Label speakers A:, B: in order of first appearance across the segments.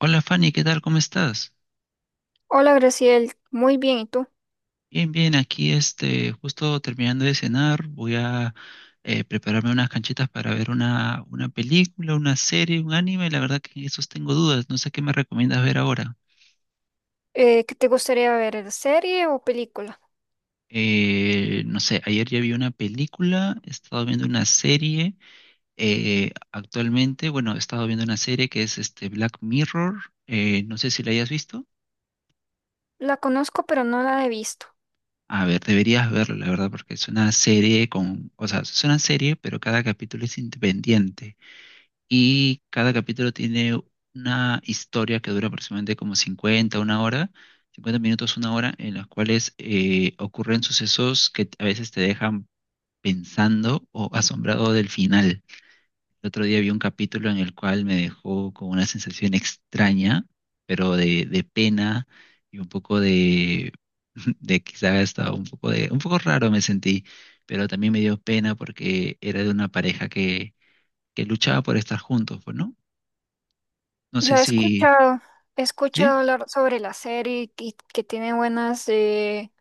A: Hola Fanny, ¿qué tal? ¿Cómo estás?
B: Hola Graciel, muy bien, ¿y tú?
A: Bien, bien, aquí justo terminando de cenar, voy a prepararme unas canchitas para ver una película, una serie, un anime, la verdad que en esos tengo dudas, no sé qué me recomiendas ver ahora.
B: ¿Qué te gustaría ver, serie o película?
A: No sé, ayer ya vi una película, he estado viendo una serie, actualmente, bueno, he estado viendo una serie que es este Black Mirror, no sé si la hayas visto.
B: La conozco, pero no la he visto.
A: A ver, deberías verlo, la verdad, porque es una serie o sea, es una serie, pero cada capítulo es independiente y cada capítulo tiene una historia que dura aproximadamente como 50, una hora, 50 minutos, una hora, en las cuales ocurren sucesos que a veces te dejan pensando o asombrado del final. El otro día vi un capítulo en el cual me dejó con una sensación extraña, pero de pena y un poco de, de quizá hasta un poco de, un poco raro me sentí, pero también me dio pena porque era de una pareja que luchaba por estar juntos, pues, ¿no? No sé
B: La he
A: si,
B: escuchado, He
A: sí,
B: escuchado hablar sobre la serie y que tiene buenas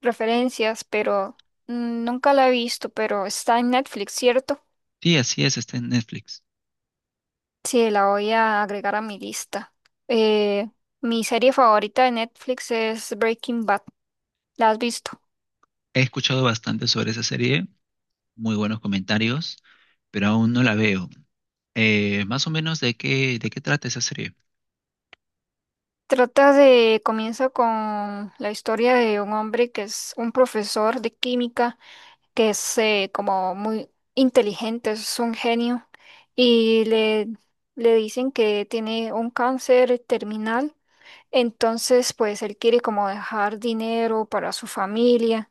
B: referencias, pero nunca la he visto, pero está en Netflix, ¿cierto?
A: sí, así es, está en Netflix.
B: Sí, la voy a agregar a mi lista. Eh, Mi serie favorita de Netflix es Breaking Bad. ¿La has visto?
A: He escuchado bastante sobre esa serie, muy buenos comentarios, pero aún no la veo. Más o menos de de qué trata esa serie.
B: Comienza con la historia de un hombre que es un profesor de química, que es como muy inteligente, es un genio, y le dicen que tiene un cáncer terminal, entonces pues él quiere como dejar dinero para su familia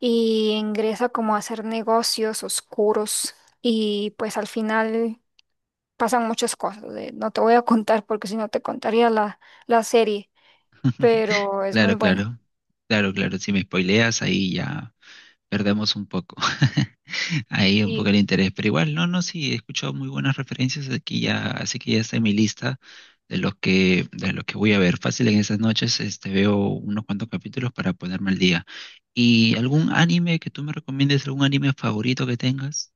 B: y ingresa como a hacer negocios oscuros y pues al final pasan muchas cosas, no te voy a contar porque si no te contaría la serie pero es muy
A: Claro,
B: buena.
A: claro. Claro, claro. Si me spoileas, ahí ya perdemos un poco. Ahí un poco
B: Y
A: el interés. Pero igual, no, no, sí, he escuchado muy buenas referencias aquí ya, así que ya está en mi lista de los de los que voy a ver. Fácil en esas noches, este, veo unos cuantos capítulos para ponerme al día. ¿Y algún anime que tú me recomiendes, algún anime favorito que tengas?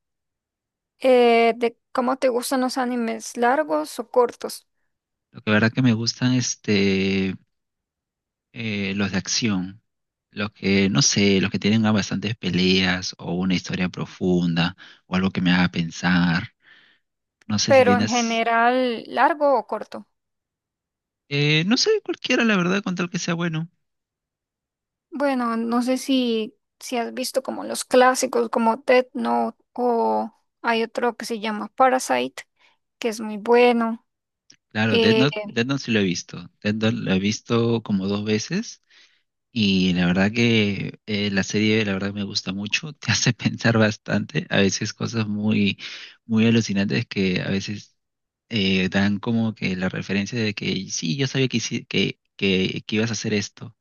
B: de cómo te gustan los animes, largos o cortos,
A: Lo que verdad que me gustan, este, eh, los de acción, los que, no sé, los que tengan bastantes peleas o una historia profunda o algo que me haga pensar. No sé si
B: pero en
A: tienes,
B: general, largo o corto.
A: no sé, cualquiera, la verdad, con tal que sea bueno.
B: Bueno, no sé si has visto como los clásicos como Death Note o hay otro que se llama Parasite, que es muy bueno.
A: Claro,
B: Eh,
A: Death Note sí lo he visto. Death Note lo he visto como dos veces y la verdad que la serie, la verdad, me gusta mucho. Te hace pensar bastante, a veces cosas muy, muy alucinantes que a veces dan como que la referencia de que sí, yo sabía que, hici- que ibas a hacer esto.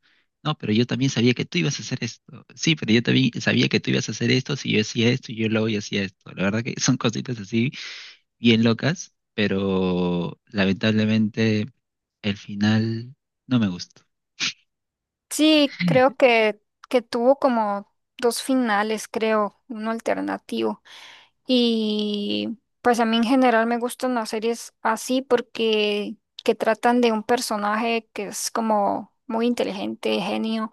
A: No, pero yo también sabía que tú ibas a hacer esto. Sí, pero yo también sabía que tú ibas a hacer esto si yo hacía esto y yo hacía esto. La verdad que son cositas así bien locas, pero lamentablemente el final no me gustó.
B: sí, creo que tuvo como dos finales, creo, uno alternativo. Y pues a mí en general me gustan las series así porque que tratan de un personaje que es como muy inteligente, genio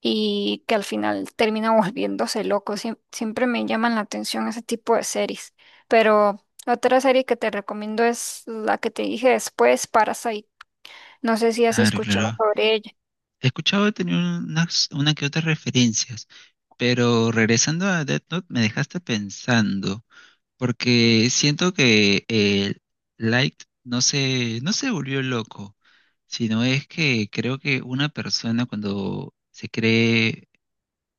B: y que al final termina volviéndose loco. Siempre me llaman la atención ese tipo de series. Pero otra serie que te recomiendo es la que te dije después, Parasite. No sé si has
A: Claro,
B: escuchado
A: claro.
B: sobre ella.
A: He escuchado tener una que otras referencias, pero regresando a Death Note me dejaste pensando. Porque siento que Light no se volvió loco, sino es que creo que una persona cuando se cree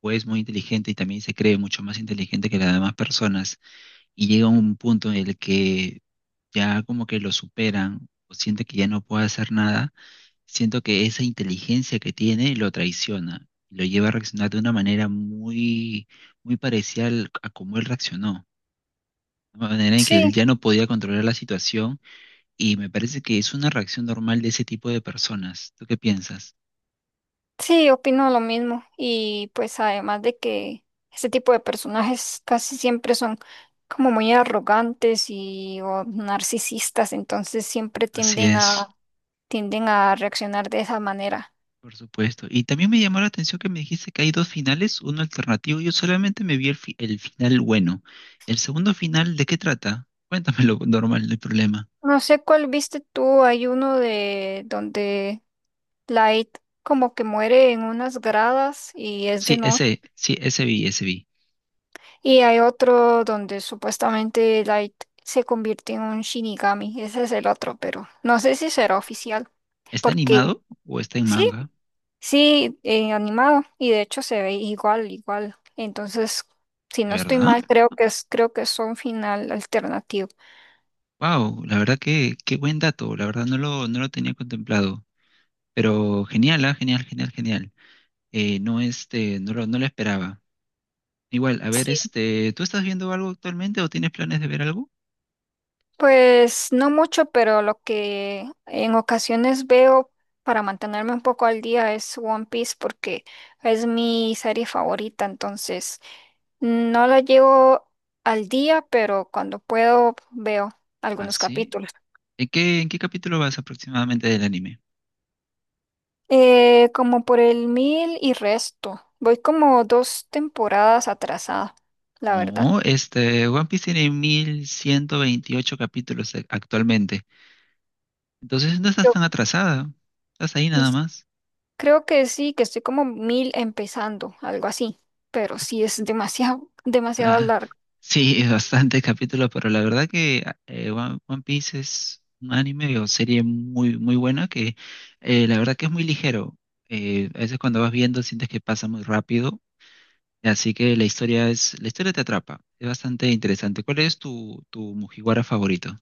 A: o es muy inteligente y también se cree mucho más inteligente que las demás personas y llega a un punto en el que ya como que lo superan o siente que ya no puede hacer nada, siento que esa inteligencia que tiene lo traiciona, lo lleva a reaccionar de una manera muy, muy parecida al- a como él reaccionó una manera en que él ya
B: Sí.
A: no podía controlar la situación y me parece que es una reacción normal de ese tipo de personas. ¿Tú qué piensas?
B: Sí, opino lo mismo. Y pues además de que este tipo de personajes casi siempre son como muy arrogantes y o narcisistas, entonces siempre
A: Así
B: tienden a,
A: es,
B: tienden a reaccionar de esa manera.
A: por supuesto. Y también me llamó la atención que me dijiste que hay dos finales, uno alternativo. Yo solamente me vi el final bueno. ¿El segundo final de qué trata? Cuéntamelo, normal, no hay problema.
B: No sé cuál viste tú, hay uno de donde Light como que muere en unas gradas y es de noche.
A: Sí, ese vi, ese vi.
B: Y hay otro donde supuestamente Light se convierte en un Shinigami. Ese es el otro, pero no sé si será oficial
A: ¿Está
B: porque.
A: animado o está en
B: Sí,
A: manga?
B: sí, animado y de hecho se ve igual, igual. Entonces, si
A: ¿De
B: no estoy
A: verdad?
B: mal, creo que es un final alternativo.
A: Wow, la verdad que qué buen dato, la verdad no lo tenía contemplado. Pero genial, ah, genial, genial, genial. No, este, no lo esperaba. Igual, a ver,
B: Sí,
A: este, ¿tú estás viendo algo actualmente o tienes planes de ver algo?
B: pues no mucho, pero lo que en ocasiones veo para mantenerme un poco al día es One Piece porque es mi serie favorita, entonces no la llevo al día, pero cuando puedo veo
A: Ah,
B: algunos
A: sí.
B: capítulos.
A: ¿En en qué capítulo vas aproximadamente del anime?
B: Como por el 1000 y resto. Voy como dos temporadas atrasada, la verdad.
A: No, este, One Piece tiene 1128 capítulos actualmente. Entonces no estás
B: Yo
A: tan atrasada. Estás ahí nada
B: Pues,
A: más.
B: creo que sí, que estoy como 1000 empezando, algo así. Pero sí es demasiado, demasiado
A: La-
B: largo.
A: sí, es bastante capítulo, pero la verdad que One Piece es un anime o serie muy, muy buena que la verdad que es muy ligero. A veces cuando vas viendo sientes que pasa muy rápido, así que la historia la historia te atrapa, es bastante interesante. ¿Cuál es tu Mugiwara favorito?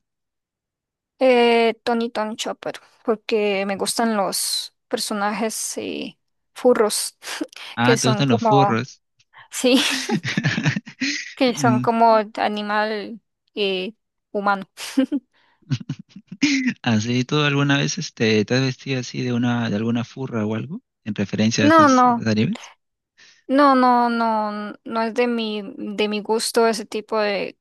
B: Tony Tom Chopper, porque me gustan los personajes furros,
A: Ah,
B: que
A: ¿te
B: son
A: gustan los
B: como,
A: furros?
B: sí, que son
A: Mm.
B: como animal eh, humano.
A: ¿Así tú alguna vez este, te has vestido así de de alguna furra o algo en referencia a
B: No,
A: a estos
B: no.
A: animes?
B: No, no, no, no es de mi gusto ese tipo de,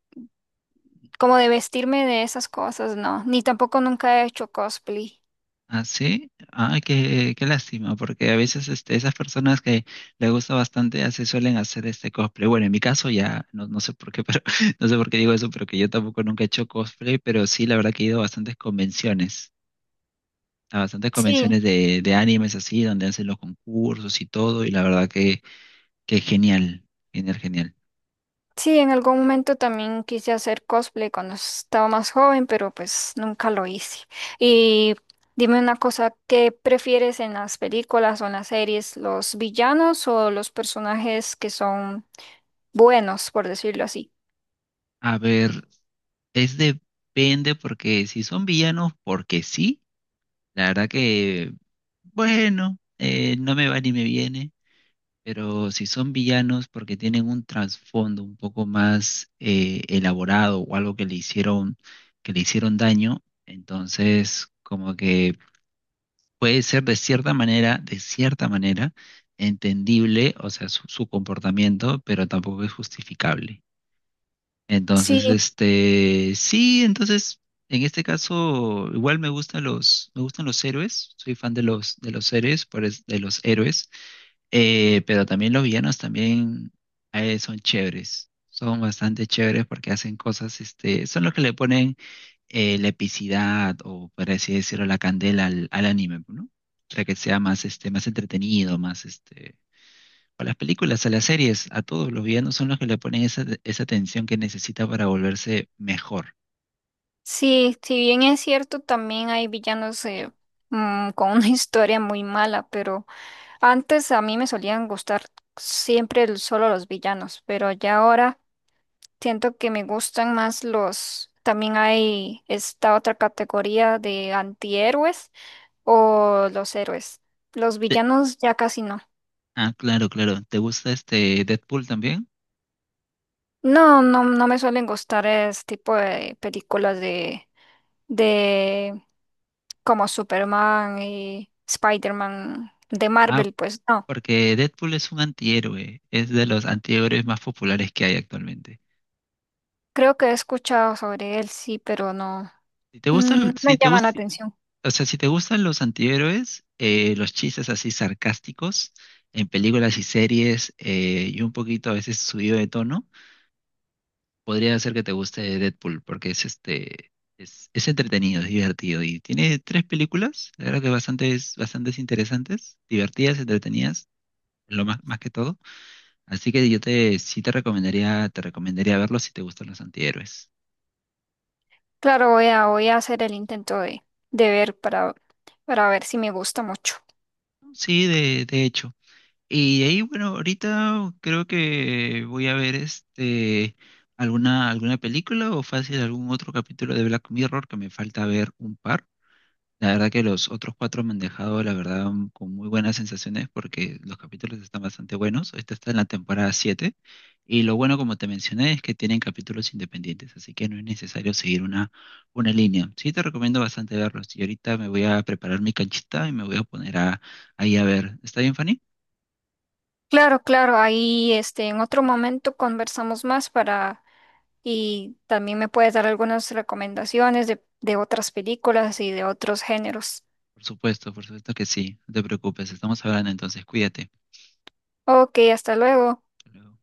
B: como de vestirme de esas cosas, no. Ni tampoco nunca he hecho cosplay.
A: Ah, sí, ah, qué lástima, porque a veces este, esas personas que les gusta bastante ya se suelen hacer este cosplay. Bueno, en mi caso ya, no, no sé por qué, pero no sé por qué digo eso, pero que yo tampoco nunca he hecho cosplay, pero sí, la verdad que he ido a bastantes
B: Sí,
A: convenciones de animes así, donde hacen los concursos y todo, y la verdad que genial, genial, genial.
B: sí, en algún momento también quise hacer cosplay cuando estaba más joven, pero pues nunca lo hice. Y dime una cosa, ¿qué prefieres en las películas o en las series, los villanos o los personajes que son buenos, por decirlo así?
A: A ver, es depende, porque si son villanos, porque sí, la verdad que, bueno, no me va ni me viene. Pero si son villanos porque tienen un trasfondo un poco más elaborado o algo que le hicieron daño, entonces como que puede ser de cierta manera, entendible, o sea, su comportamiento, pero tampoco es justificable.
B: Sí.
A: Entonces, este, sí, entonces, en este caso, igual me gustan me gustan los héroes, soy fan de de los héroes, por es- de los héroes. Pero también los villanos también son chéveres, son bastante chéveres porque hacen cosas, este, son los que le ponen la epicidad o, por así decirlo, la candela al anime, ¿no? Para que sea más, este, más entretenido, más, este, a las películas, a las series, a todos los villanos son los que le ponen esa tensión que necesita para volverse mejor.
B: Sí, si bien es cierto, también hay villanos con una historia muy mala, pero antes a mí me solían gustar siempre solo los villanos, pero ya ahora siento que me gustan más los. También hay esta otra categoría de antihéroes o los héroes. Los
A: Te-
B: villanos ya casi no.
A: ah, claro, claro. ¿Te gusta este Deadpool también?
B: No, no, no me suelen gustar ese tipo de películas De como Superman y Spider-Man de
A: Ah,
B: Marvel, pues no.
A: porque Deadpool es un antihéroe, es de los antihéroes más populares que hay actualmente.
B: Creo que he escuchado sobre él, sí, pero no,
A: Si te gustan, mm,
B: me
A: si te
B: llama la
A: gus-
B: atención.
A: o sea, si te gustan los antihéroes, los chistes así sarcásticos en películas y series y un poquito a veces subido de tono, podría ser que te guste Deadpool porque es entretenido, es divertido y tiene tres películas, la verdad que bastante, bastantes bastantes interesantes, divertidas, entretenidas, lo más, más que todo. Así que yo te recomendaría verlo si te gustan los antihéroes.
B: Claro, voy a hacer el intento de ver para ver si me gusta mucho.
A: Sí, de hecho. Y de ahí, bueno, ahorita creo que voy a ver este alguna película o fácil algún otro capítulo de Black Mirror que me falta ver un par. La verdad que los otros cuatro me han dejado, la verdad, un- con muy buenas sensaciones porque los capítulos están bastante buenos. Esta está en la temporada 7 y lo bueno, como te mencioné, es que tienen capítulos independientes, así que no es necesario seguir una línea. Sí te recomiendo bastante verlos y ahorita me voy a preparar mi canchita y me voy a poner a, ahí a ver. ¿Está bien, Fanny?
B: Claro, claro, ahí en otro momento conversamos más para y también me puedes dar algunas recomendaciones de otras películas y de otros géneros.
A: Por supuesto que sí. No te preocupes, estamos hablando entonces, cuídate.
B: Ok, hasta luego.
A: Hasta luego.